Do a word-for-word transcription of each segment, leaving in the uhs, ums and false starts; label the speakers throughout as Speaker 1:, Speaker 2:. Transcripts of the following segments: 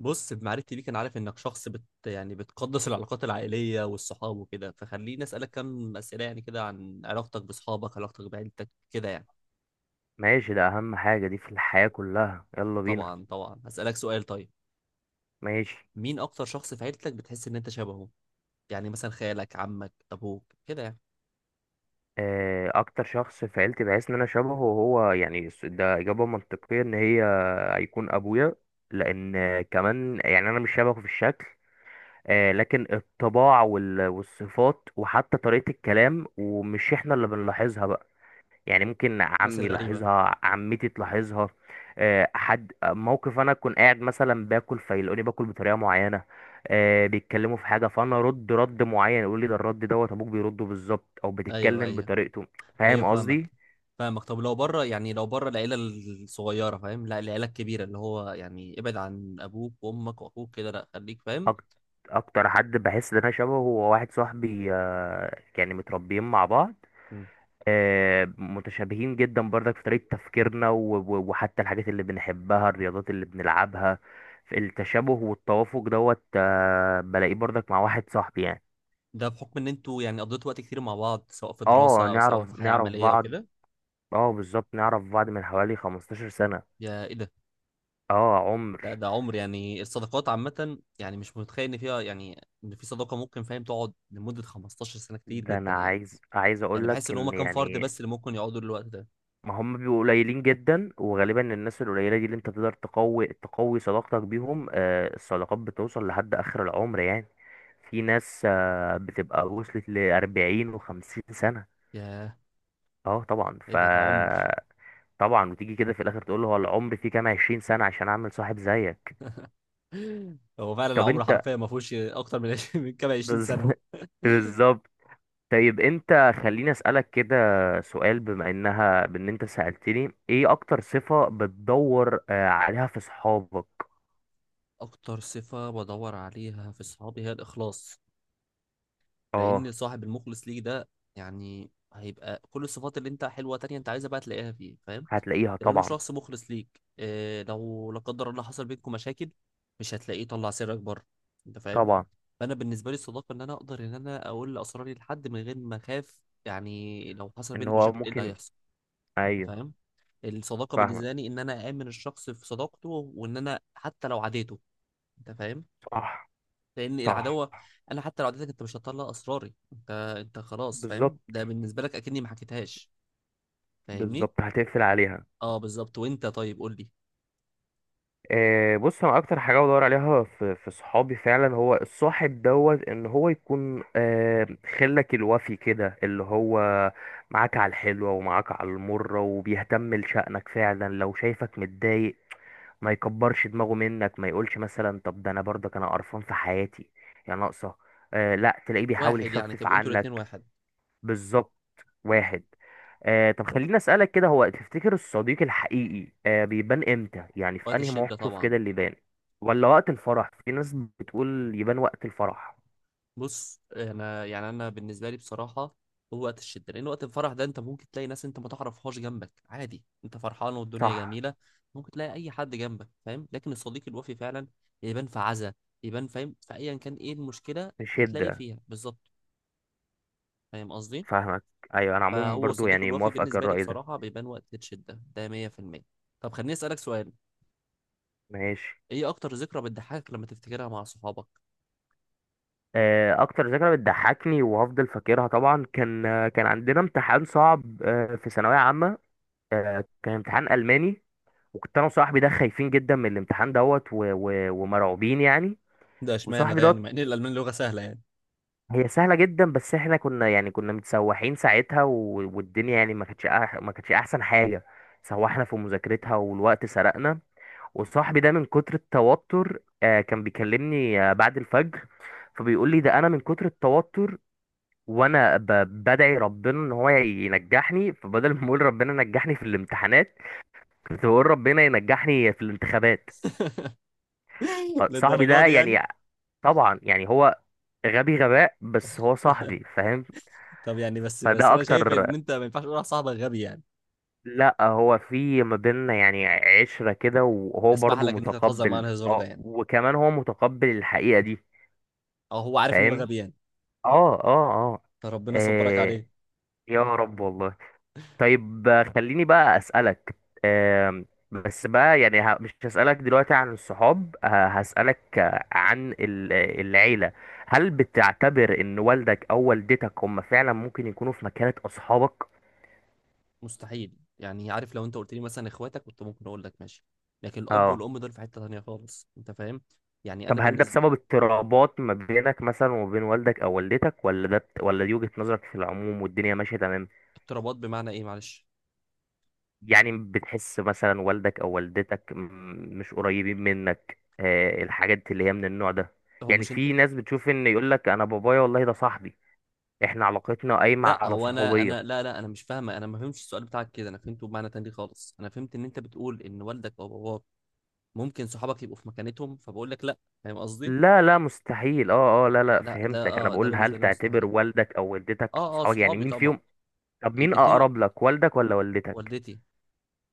Speaker 1: بص، بمعرفتي بيك انا عارف انك شخص بت يعني بتقدس العلاقات العائليه والصحاب وكده. فخليني اسالك كم اسئله يعني كده عن علاقتك باصحابك، علاقتك بعيلتك كده يعني.
Speaker 2: ماشي، ده اهم حاجة دي في الحياة كلها، يلا بينا.
Speaker 1: طبعا طبعا، هسالك سؤال طيب.
Speaker 2: ماشي.
Speaker 1: مين اكتر شخص في عيلتك بتحس ان انت شبهه؟ يعني مثلا خالك، عمك، ابوك كده يعني.
Speaker 2: آه، اكتر شخص في عيلتي بحس ان انا شبهه هو يعني الس- ده اجابة منطقية ان هي هيكون ابويا، لان آه، كمان يعني انا مش شبهه في الشكل، آه، لكن الطباع وال- والصفات وحتى طريقة الكلام، ومش احنا اللي بنلاحظها بقى. يعني ممكن
Speaker 1: الناس
Speaker 2: عمي
Speaker 1: الغريبه.
Speaker 2: يلاحظها، عمتي تلاحظها. آه، حد موقف انا اكون قاعد مثلا باكل فيلاقوني باكل بطريقه معينه، آه، بيتكلموا في حاجه فانا ارد رد معين يقول لي ده الرد دوت ابوك بيرده بالظبط او
Speaker 1: ايوه،
Speaker 2: بتتكلم
Speaker 1: ايوه،
Speaker 2: بطريقته.
Speaker 1: ايوه،
Speaker 2: فاهم
Speaker 1: فاهمك.
Speaker 2: قصدي؟
Speaker 1: فاهمك. طب لو بره يعني لو بره العيله الصغيره فاهم؟ لا، العيله الكبيره اللي هو يعني ابعد عن ابوك وامك واخوك كده، لا خليك فاهم.
Speaker 2: أك- اكتر حد بحس ان انا شبهه هو واحد صاحبي، آه، يعني متربيين مع بعض، آه، متشابهين جدا برضك في طريقة تفكيرنا و- و- وحتى الحاجات اللي بنحبها، الرياضات اللي بنلعبها. في التشابه والتوافق دوت، آه، بلاقيه برضك مع واحد صاحبي يعني.
Speaker 1: ده بحكم ان انتوا يعني قضيتوا وقت كتير مع بعض سواء في
Speaker 2: اه،
Speaker 1: دراسة او سواء في
Speaker 2: نعرف
Speaker 1: حياة
Speaker 2: نعرف
Speaker 1: عملية
Speaker 2: بعض.
Speaker 1: وكده.
Speaker 2: اه بالظبط، نعرف بعض من حوالي خمسة عشر سنة.
Speaker 1: يا ايه ده!
Speaker 2: اه
Speaker 1: لا
Speaker 2: عمر.
Speaker 1: ده عمر يعني. الصداقات عامة يعني مش متخيل ان فيها يعني ان في صداقة ممكن فاهم تقعد لمدة خمستاشر سنة، كتير
Speaker 2: ده انا
Speaker 1: جدا يعني.
Speaker 2: عايز عايز
Speaker 1: يعني
Speaker 2: اقول
Speaker 1: بحس
Speaker 2: لك
Speaker 1: ان هما
Speaker 2: ان
Speaker 1: كام فرد
Speaker 2: يعني
Speaker 1: بس اللي ممكن يقعدوا للوقت ده.
Speaker 2: ما هم بيبقوا قليلين جدا، وغالبا الناس القليلة دي اللي انت تقدر تقوي تقوي صداقتك بيهم. آه، الصداقات بتوصل لحد آخر العمر يعني. في ناس آه، بتبقى وصلت لأربعين وخمسين سنة.
Speaker 1: يا
Speaker 2: اه طبعا
Speaker 1: ايه
Speaker 2: ف
Speaker 1: ده، ده عمر.
Speaker 2: طبعا. وتيجي كده في الآخر تقول له هو العمر فيه كام، عشرين سنة عشان أعمل صاحب زيك؟
Speaker 1: هو فعلا
Speaker 2: طب
Speaker 1: العمر
Speaker 2: انت.
Speaker 1: حرفيا ما فيهوش اكتر من عشرين، من كام، عشرين
Speaker 2: بز-
Speaker 1: سنة.
Speaker 2: بالظبط. طيب انت، خليني أسألك كده سؤال بما انها بان انت سألتني، ايه اكتر صفة بتدور آه، عليها في صحابك؟
Speaker 1: اكتر صفة بدور عليها في صحابي هي الاخلاص. لان
Speaker 2: اه.
Speaker 1: صاحب المخلص ليك ده يعني هيبقى كل الصفات اللي انت حلوه تانية انت عايزها بقى تلاقيها فيه، فاهم؟
Speaker 2: هتلاقيها
Speaker 1: لانه
Speaker 2: طبعا.
Speaker 1: شخص مخلص ليك. إيه لو لا قدر الله حصل بينكم مشاكل؟ مش هتلاقيه طلع سرك بره. انت فاهم؟
Speaker 2: طبعا.
Speaker 1: فانا بالنسبه لي الصداقه ان انا اقدر ان انا اقول اسراري لحد من غير ما اخاف. يعني لو حصل
Speaker 2: ان
Speaker 1: بيننا
Speaker 2: هو
Speaker 1: مشاكل ايه اللي
Speaker 2: ممكن.
Speaker 1: هيحصل؟ انت
Speaker 2: ايوه
Speaker 1: فاهم؟ الصداقه
Speaker 2: فاهمك.
Speaker 1: بالنسبه لي ان انا اامن الشخص في صداقته وان انا حتى لو عاديته. انت فاهم؟
Speaker 2: صح.
Speaker 1: لان
Speaker 2: صح.
Speaker 1: العداوه، انا حتى لو عدتك انت مش هتطلع اسراري. انت، انت خلاص فاهم
Speaker 2: بالظبط.
Speaker 1: ده بالنسبه لك اكني ما حكيتهاش. فاهمني؟
Speaker 2: بالظبط هتقفل عليها.
Speaker 1: اه بالظبط. وانت طيب قول لي.
Speaker 2: آه بص انا اكتر حاجه بدور عليها في في صحابي فعلا هو الصاحب دوت ان هو يكون آه، خلك الوفي كده، اللي هو معاك على الحلوه ومعاك على المره وبيهتم لشأنك فعلا. لو شايفك متضايق ما يكبرش دماغه منك، ما يقولش مثلا طب ده انا برضك انا قرفان في حياتي يا ناقصه. آه لا، تلاقيه بيحاول
Speaker 1: واحد يعني
Speaker 2: يخفف
Speaker 1: تبقوا انتوا الاتنين
Speaker 2: عنك.
Speaker 1: واحد.
Speaker 2: بالظبط.
Speaker 1: مم.
Speaker 2: واحد. آه طب خليني اسالك كده، هو تفتكر الصديق الحقيقي آه بيبان امتى؟ يعني في
Speaker 1: وقت
Speaker 2: انهي
Speaker 1: الشده
Speaker 2: موقف
Speaker 1: طبعا.
Speaker 2: كده اللي يبان؟ ولا وقت الفرح؟ في ناس بتقول يبان وقت الفرح.
Speaker 1: بص انا يعني انا بالنسبه لي بصراحه، هو وقت الشده. لان وقت الفرح ده انت ممكن تلاقي ناس انت ما تعرفهاش جنبك عادي، انت فرحان والدنيا
Speaker 2: صح.
Speaker 1: جميله. ممكن تلاقي اي حد جنبك فاهم. لكن الصديق الوفي فعلا يبان في عزا، يبان فاهم، فايا كان ايه المشكله
Speaker 2: مش
Speaker 1: هتلاقيه
Speaker 2: هدة.
Speaker 1: فيها بالظبط. فاهم قصدي؟
Speaker 2: فاهمك. ايوه انا عموما
Speaker 1: فهو
Speaker 2: برضو
Speaker 1: صديق
Speaker 2: يعني
Speaker 1: الوفي
Speaker 2: موافقك
Speaker 1: بالنسبة لي
Speaker 2: الرأي ده.
Speaker 1: بصراحة بيبان وقت الشدة ده مية في المية. طب خليني أسألك سؤال.
Speaker 2: ماشي.
Speaker 1: إيه أكتر ذكرى بتضحكك لما تفتكرها مع صحابك؟
Speaker 2: آه اكتر ذكرى بتضحكني وهفضل فاكرها طبعا، كان آه، كان عندنا امتحان صعب آه في ثانوية عامة. آه كان امتحان ألماني. وكنت انا وصاحبي ده خايفين جدا من الامتحان دوت، و- و- ومرعوبين يعني.
Speaker 1: ده اشمعنى
Speaker 2: وصاحبي
Speaker 1: ده يعني
Speaker 2: دوت
Speaker 1: مع ان الالمان لغه سهله يعني.
Speaker 2: هي سهله جدا، بس احنا كنا يعني كنا متسوحين ساعتها، و- والدنيا يعني ما كانتش أح- ما كانتش احسن حاجه. سوحنا في مذاكرتها والوقت سرقنا. وصاحبي ده من كتر التوتر آه، كان بيكلمني آه، بعد الفجر، فبيقول لي ده انا من كتر التوتر وانا ب- بدعي ربنا ان هو ينجحني، فبدل ما اقول ربنا نجحني في الامتحانات كنت بقول ربنا ينجحني في الانتخابات. فصاحبي
Speaker 1: للدرجه
Speaker 2: ده
Speaker 1: دي يعني؟
Speaker 2: يعني. طبعا يعني هو غبي غباء، بس هو صاحبي فاهم؟
Speaker 1: طب يعني بس بس
Speaker 2: فده
Speaker 1: انا شايف
Speaker 2: اكتر.
Speaker 1: ان انت ما ينفعش تقول على صاحبك غبي يعني.
Speaker 2: لا هو في ما بيننا يعني عشرة كده، وهو
Speaker 1: اسمح
Speaker 2: برضو
Speaker 1: لك ان انت تهزر معاه
Speaker 2: متقبل،
Speaker 1: الهزار ده
Speaker 2: اه
Speaker 1: يعني؟
Speaker 2: وكمان هو متقبل الحقيقة دي.
Speaker 1: او هو عارف ان هو
Speaker 2: فاهم.
Speaker 1: غبي يعني؟
Speaker 2: اه اه اه
Speaker 1: فربنا صبرك
Speaker 2: آه،
Speaker 1: عليه.
Speaker 2: يا رب والله. طيب آه، خليني بقى اسألك. آه، بس بقى يعني ه- مش هسألك دلوقتي عن الصحاب، ه- هسألك آه، عن ال- آه، العيلة. هل بتعتبر ان والدك او والدتك هم فعلا ممكن يكونوا في مكانة اصحابك؟
Speaker 1: مستحيل يعني. عارف لو أنت قلت لي مثلا إخواتك كنت ممكن أقول لك ماشي. لكن الأب
Speaker 2: اه.
Speaker 1: والأم دول في حتة تانية خالص، أنت فاهم؟ يعني أنا
Speaker 2: طب هل ده
Speaker 1: بالنسبة،
Speaker 2: بسبب اضطرابات ما بينك مثلا وبين والدك او والدتك؟ ولا ده بت- ولا دي وجهة نظرك في العموم والدنيا ماشية تمام؟
Speaker 1: اقترابات بمعنى إيه معلش؟
Speaker 2: يعني بتحس مثلا والدك او والدتك م- مش قريبين منك، آه الحاجات اللي هي من النوع ده.
Speaker 1: هو
Speaker 2: يعني
Speaker 1: مش انت،
Speaker 2: في ناس بتشوف ان يقول لك انا بابايا والله ده صاحبي، احنا علاقتنا قايمة
Speaker 1: لا
Speaker 2: على
Speaker 1: هو انا،
Speaker 2: صحوبية.
Speaker 1: انا لا لا، انا مش فاهمه. انا ما فهمتش السؤال بتاعك كده. انا فهمته بمعنى تاني خالص. انا فهمت ان انت بتقول ان والدك او باباك ممكن صحابك يبقوا في مكانتهم، فبقول لك لا. فاهم قصدي؟
Speaker 2: لا لا مستحيل. اه اه، لا لا
Speaker 1: لا ده،
Speaker 2: فهمتك، انا
Speaker 1: اه ده
Speaker 2: بقول هل
Speaker 1: بالنسبه لي
Speaker 2: تعتبر
Speaker 1: مستحيل.
Speaker 2: والدك او والدتك
Speaker 1: اه اه،
Speaker 2: اصحابك؟ يعني
Speaker 1: صحابي
Speaker 2: مين
Speaker 1: طبعا.
Speaker 2: فيهم؟ طب مين
Speaker 1: الاثنين.
Speaker 2: اقرب لك، والدك ولا والدتك؟
Speaker 1: والدتي.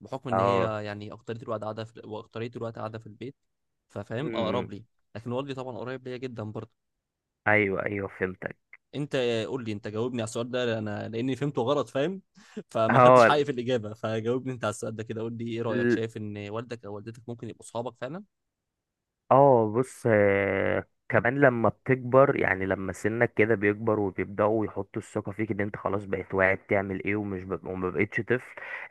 Speaker 1: بحكم ان
Speaker 2: اه.
Speaker 1: هي يعني اكترية الوقت قاعده في واكترية الوقت قاعده في البيت،
Speaker 2: م-
Speaker 1: ففاهم
Speaker 2: م.
Speaker 1: اقرب لي. لكن والدي طبعا قريب ليا جدا برضه.
Speaker 2: ايوه ايوه فهمت.
Speaker 1: انت قول لي، انت جاوبني على السؤال ده انا لاني فهمته غلط فاهم، فما خدتش
Speaker 2: هو
Speaker 1: حقي في الاجابه. فجاوبني انت على السؤال ده كده. قول لي ايه رايك،
Speaker 2: ال-
Speaker 1: شايف ان والدك او والدتك ممكن يبقوا صحابك فعلا؟
Speaker 2: اه بص آه، كمان لما بتكبر، يعني لما سنك كده بيكبر وبيبدأوا يحطوا الثقة فيك ان انت خلاص بقيت واعي بتعمل ايه، ومش ب... وما بقيتش طفل.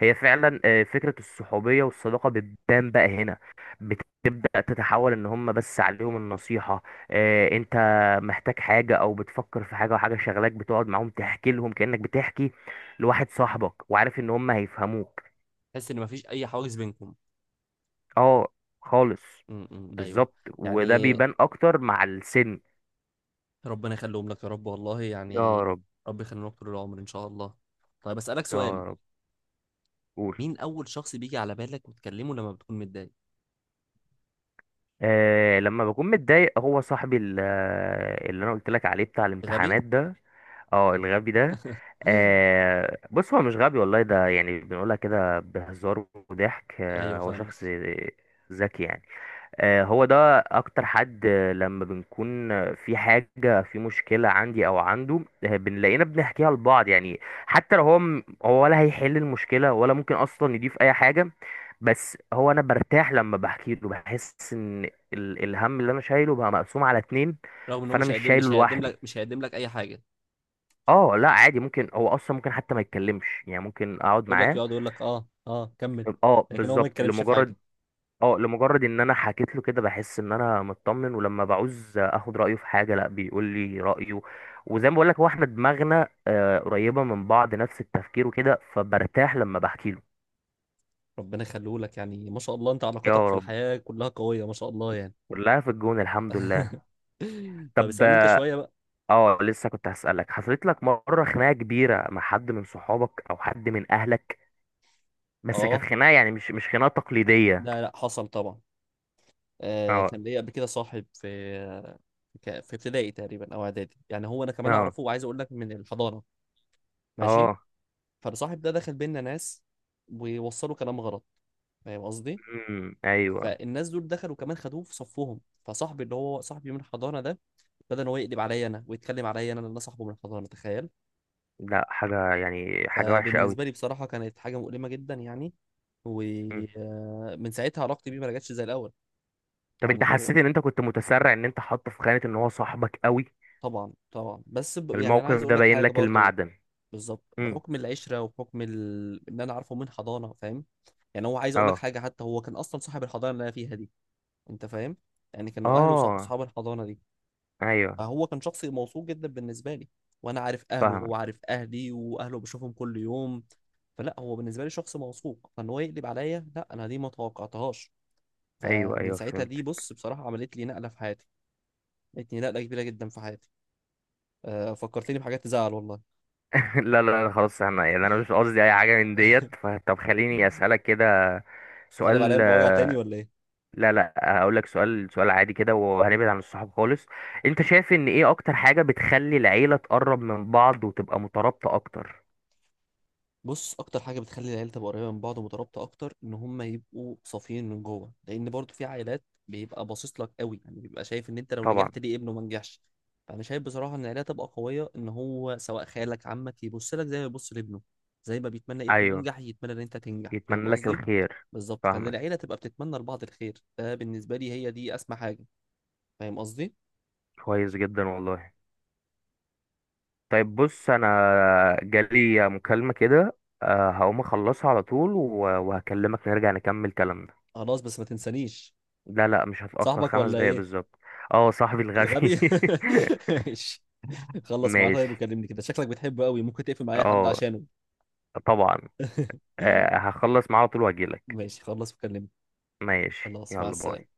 Speaker 2: هي فعلا آه، فكرة الصحوبية والصداقة بتبان بقى هنا، بتبدأ تتحول ان هم بس عليهم النصيحة. آه، انت محتاج حاجة او بتفكر في حاجة وحاجة شغلاك، بتقعد معاهم تحكي لهم كأنك بتحكي لواحد صاحبك، وعارف ان هم هيفهموك.
Speaker 1: تحس ان مفيش اي حواجز بينكم؟
Speaker 2: اه خالص.
Speaker 1: امم، ايوه
Speaker 2: بالظبط وده
Speaker 1: يعني.
Speaker 2: بيبان اكتر مع السن.
Speaker 1: ربنا يخليهم لك يا رب والله
Speaker 2: يا
Speaker 1: يعني.
Speaker 2: رب.
Speaker 1: رب يخليهم لك طول العمر ان شاء الله. طيب اسالك سؤال.
Speaker 2: يا رب. قول.
Speaker 1: مين اول شخص بيجي على بالك وتكلمه لما بتكون متضايق؟
Speaker 2: آه لما بكون متضايق هو صاحبي ال- آه، اللي انا قلت لك عليه بتاع
Speaker 1: غبي؟
Speaker 2: الامتحانات ده. اه الغبي ده. آه بص هو مش غبي والله، ده يعني بنقولها كده بهزار وضحك. آه
Speaker 1: ايوه
Speaker 2: هو شخص
Speaker 1: فاهمك.
Speaker 2: ذكي يعني. آه، هو ده اكتر حد آه، لما بنكون آه، في حاجة، في مشكلة عندي او عنده، آه، بنلاقينا بنحكيها لبعض يعني. حتى لو هو م- هو ولا هيحل المشكلة ولا ممكن اصلا يضيف اي حاجة، بس هو انا برتاح لما بحكي له، بحس ان ال- الهم اللي انا شايله بقى مقسوم على اتنين،
Speaker 1: رغم ان هو
Speaker 2: فانا
Speaker 1: مش
Speaker 2: مش
Speaker 1: هيقدم
Speaker 2: شايله
Speaker 1: مش هيقدم
Speaker 2: لوحدي.
Speaker 1: لك مش هيقدم لك اي حاجه.
Speaker 2: اه لا عادي، ممكن هو اصلا ممكن حتى ما يتكلمش يعني، ممكن اقعد
Speaker 1: يقول لك،
Speaker 2: معاه.
Speaker 1: يقعد يقول لك اه اه كمل.
Speaker 2: اه
Speaker 1: لكن هو ما
Speaker 2: بالظبط،
Speaker 1: يتكلمش في حاجه.
Speaker 2: لمجرد. اه لمجرد ان انا حكيت له كده بحس ان انا مطمن، ولما بعوز اخد رايه في حاجه لا بيقول لي رايه. وزي ما بقول لك هو احنا دماغنا آه، قريبه من بعض، نفس التفكير وكده، فبرتاح لما بحكي له.
Speaker 1: ربنا يخليه لك يعني، ما شاء الله انت علاقاتك
Speaker 2: يا
Speaker 1: في
Speaker 2: رب.
Speaker 1: الحياه كلها قويه ما شاء الله يعني.
Speaker 2: كلها في الجون الحمد لله.
Speaker 1: طب
Speaker 2: طب.
Speaker 1: اسالني انت شويه بقى.
Speaker 2: اه لسه كنت هسألك، حصلت لك مره خناقه كبيره مع حد من صحابك او حد من اهلك؟ بس كانت
Speaker 1: اه
Speaker 2: خناقه يعني مش مش خناقه تقليديه.
Speaker 1: لا لا، حصل طبعا. آه
Speaker 2: اه
Speaker 1: كان ليا قبل كده صاحب في ك- في ابتدائي تقريبا او اعدادي يعني. هو انا كمان
Speaker 2: اه
Speaker 1: اعرفه وعايز اقول لك من الحضانه. ماشي.
Speaker 2: اه
Speaker 1: فالصاحب ده دخل بينا ناس ووصلوا كلام غلط. فاهم قصدي؟
Speaker 2: امم ايوه.
Speaker 1: فالناس دول دخلوا كمان خدوه في صفهم. فصاحبي اللي هو صاحبي من الحضانه ده ابتدى ان هو يقلب عليا انا ويتكلم عليا انا لان أنا صاحبه من الحضانه، تخيل!
Speaker 2: لا حاجه يعني حاجه وحشه قوي.
Speaker 1: فبالنسبه لي بصراحه كانت حاجه مؤلمه جدا يعني. ومن ساعتها علاقتي بيه ما رجعتش زي الاول.
Speaker 2: طب انت
Speaker 1: يعني هو،
Speaker 2: حسيت ان انت كنت متسرع ان انت حاطه في خانة ان هو صاحبك قوي؟
Speaker 1: طبعا طبعا بس ب... يعني انا عايز
Speaker 2: الموقف
Speaker 1: اقول
Speaker 2: ده
Speaker 1: لك
Speaker 2: باين
Speaker 1: حاجه
Speaker 2: لك
Speaker 1: برضو.
Speaker 2: المعدن.
Speaker 1: بالظبط
Speaker 2: امم.
Speaker 1: بحكم العشره وبحكم ال... ان انا عارفه من حضانه فاهم. يعني هو عايز اقول لك
Speaker 2: اه
Speaker 1: حاجه، حتى هو كان اصلا صاحب الحضانه اللي انا فيها دي. انت فاهم؟ يعني كانوا اهله صح-
Speaker 2: اه.
Speaker 1: صحاب الحضانه دي.
Speaker 2: ايوه
Speaker 1: فهو كان شخص موثوق جدا بالنسبة لي. وأنا عارف أهله وهو
Speaker 2: فاهم.
Speaker 1: عارف أهلي، وأهله بشوفهم كل يوم. فلا، هو بالنسبة لي شخص موثوق، فإن هو يقلب عليا لا، أنا دي ما توقعتهاش.
Speaker 2: ايوه
Speaker 1: فمن
Speaker 2: ايوه
Speaker 1: ساعتها
Speaker 2: فهمت.
Speaker 1: دي بص بصراحة عملت لي نقلة في حياتي. عملت لي نقلة كبيرة جدا في حياتي. أه فكرتني بحاجات تزعل والله.
Speaker 2: لا لا لا خلاص، انا يعني انا مش قصدي اي حاجة من ديت. فطب خليني اسألك كده
Speaker 1: هتقلب عليا
Speaker 2: سؤال.
Speaker 1: بمواجع تاني ولا إيه؟
Speaker 2: لا لا هقول لك سؤال، سؤال عادي كده وهنبعد عن الصحاب خالص. انت شايف ان ايه اكتر حاجة بتخلي العيلة تقرب من بعض وتبقى مترابطة اكتر؟
Speaker 1: بص اكتر حاجه بتخلي العيله تبقى قريبه من بعض ومترابطه اكتر ان هم يبقوا صافيين من جوه. لان برضو في عائلات بيبقى باصص لك قوي يعني بيبقى شايف ان انت لو
Speaker 2: طبعا.
Speaker 1: نجحت ليه ابنه ما نجحش. فانا شايف بصراحه ان العيله تبقى قويه ان هو سواء خالك عمك يبص لك زي ما يبص لابنه. زي ما بيتمنى ابنه
Speaker 2: ايوه.
Speaker 1: ينجح يتمنى ان انت تنجح، فاهم
Speaker 2: يتمنى لك
Speaker 1: قصدي؟
Speaker 2: الخير.
Speaker 1: بالظبط. فان
Speaker 2: فاهمك.
Speaker 1: العيله تبقى بتتمنى لبعض الخير، ده بالنسبه لي هي دي اسمى حاجه. فاهم قصدي؟
Speaker 2: كويس جدا والله. طيب بص انا جالي مكالمة كده، آه، هقوم اخلصها على طول و- وهكلمك نرجع نكمل كلامنا.
Speaker 1: خلاص بس ما تنسانيش.
Speaker 2: لا لا مش هتأخر،
Speaker 1: صاحبك
Speaker 2: خمس
Speaker 1: ولا
Speaker 2: دقايق
Speaker 1: ايه؟
Speaker 2: بالظبط. اه صاحبي الغبي.
Speaker 1: الغبي. ماشي. خلص معاه طيب
Speaker 2: ماشي.
Speaker 1: وكلمني كده، شكلك بتحبه قوي، ممكن تقفل مع اي حد
Speaker 2: اه.
Speaker 1: عشانه.
Speaker 2: طبعا. آه، هخلص معاه على طول واجيلك.
Speaker 1: ماشي خلص وكلمني.
Speaker 2: ماشي
Speaker 1: خلاص، مع
Speaker 2: يلا باي.
Speaker 1: السلامة.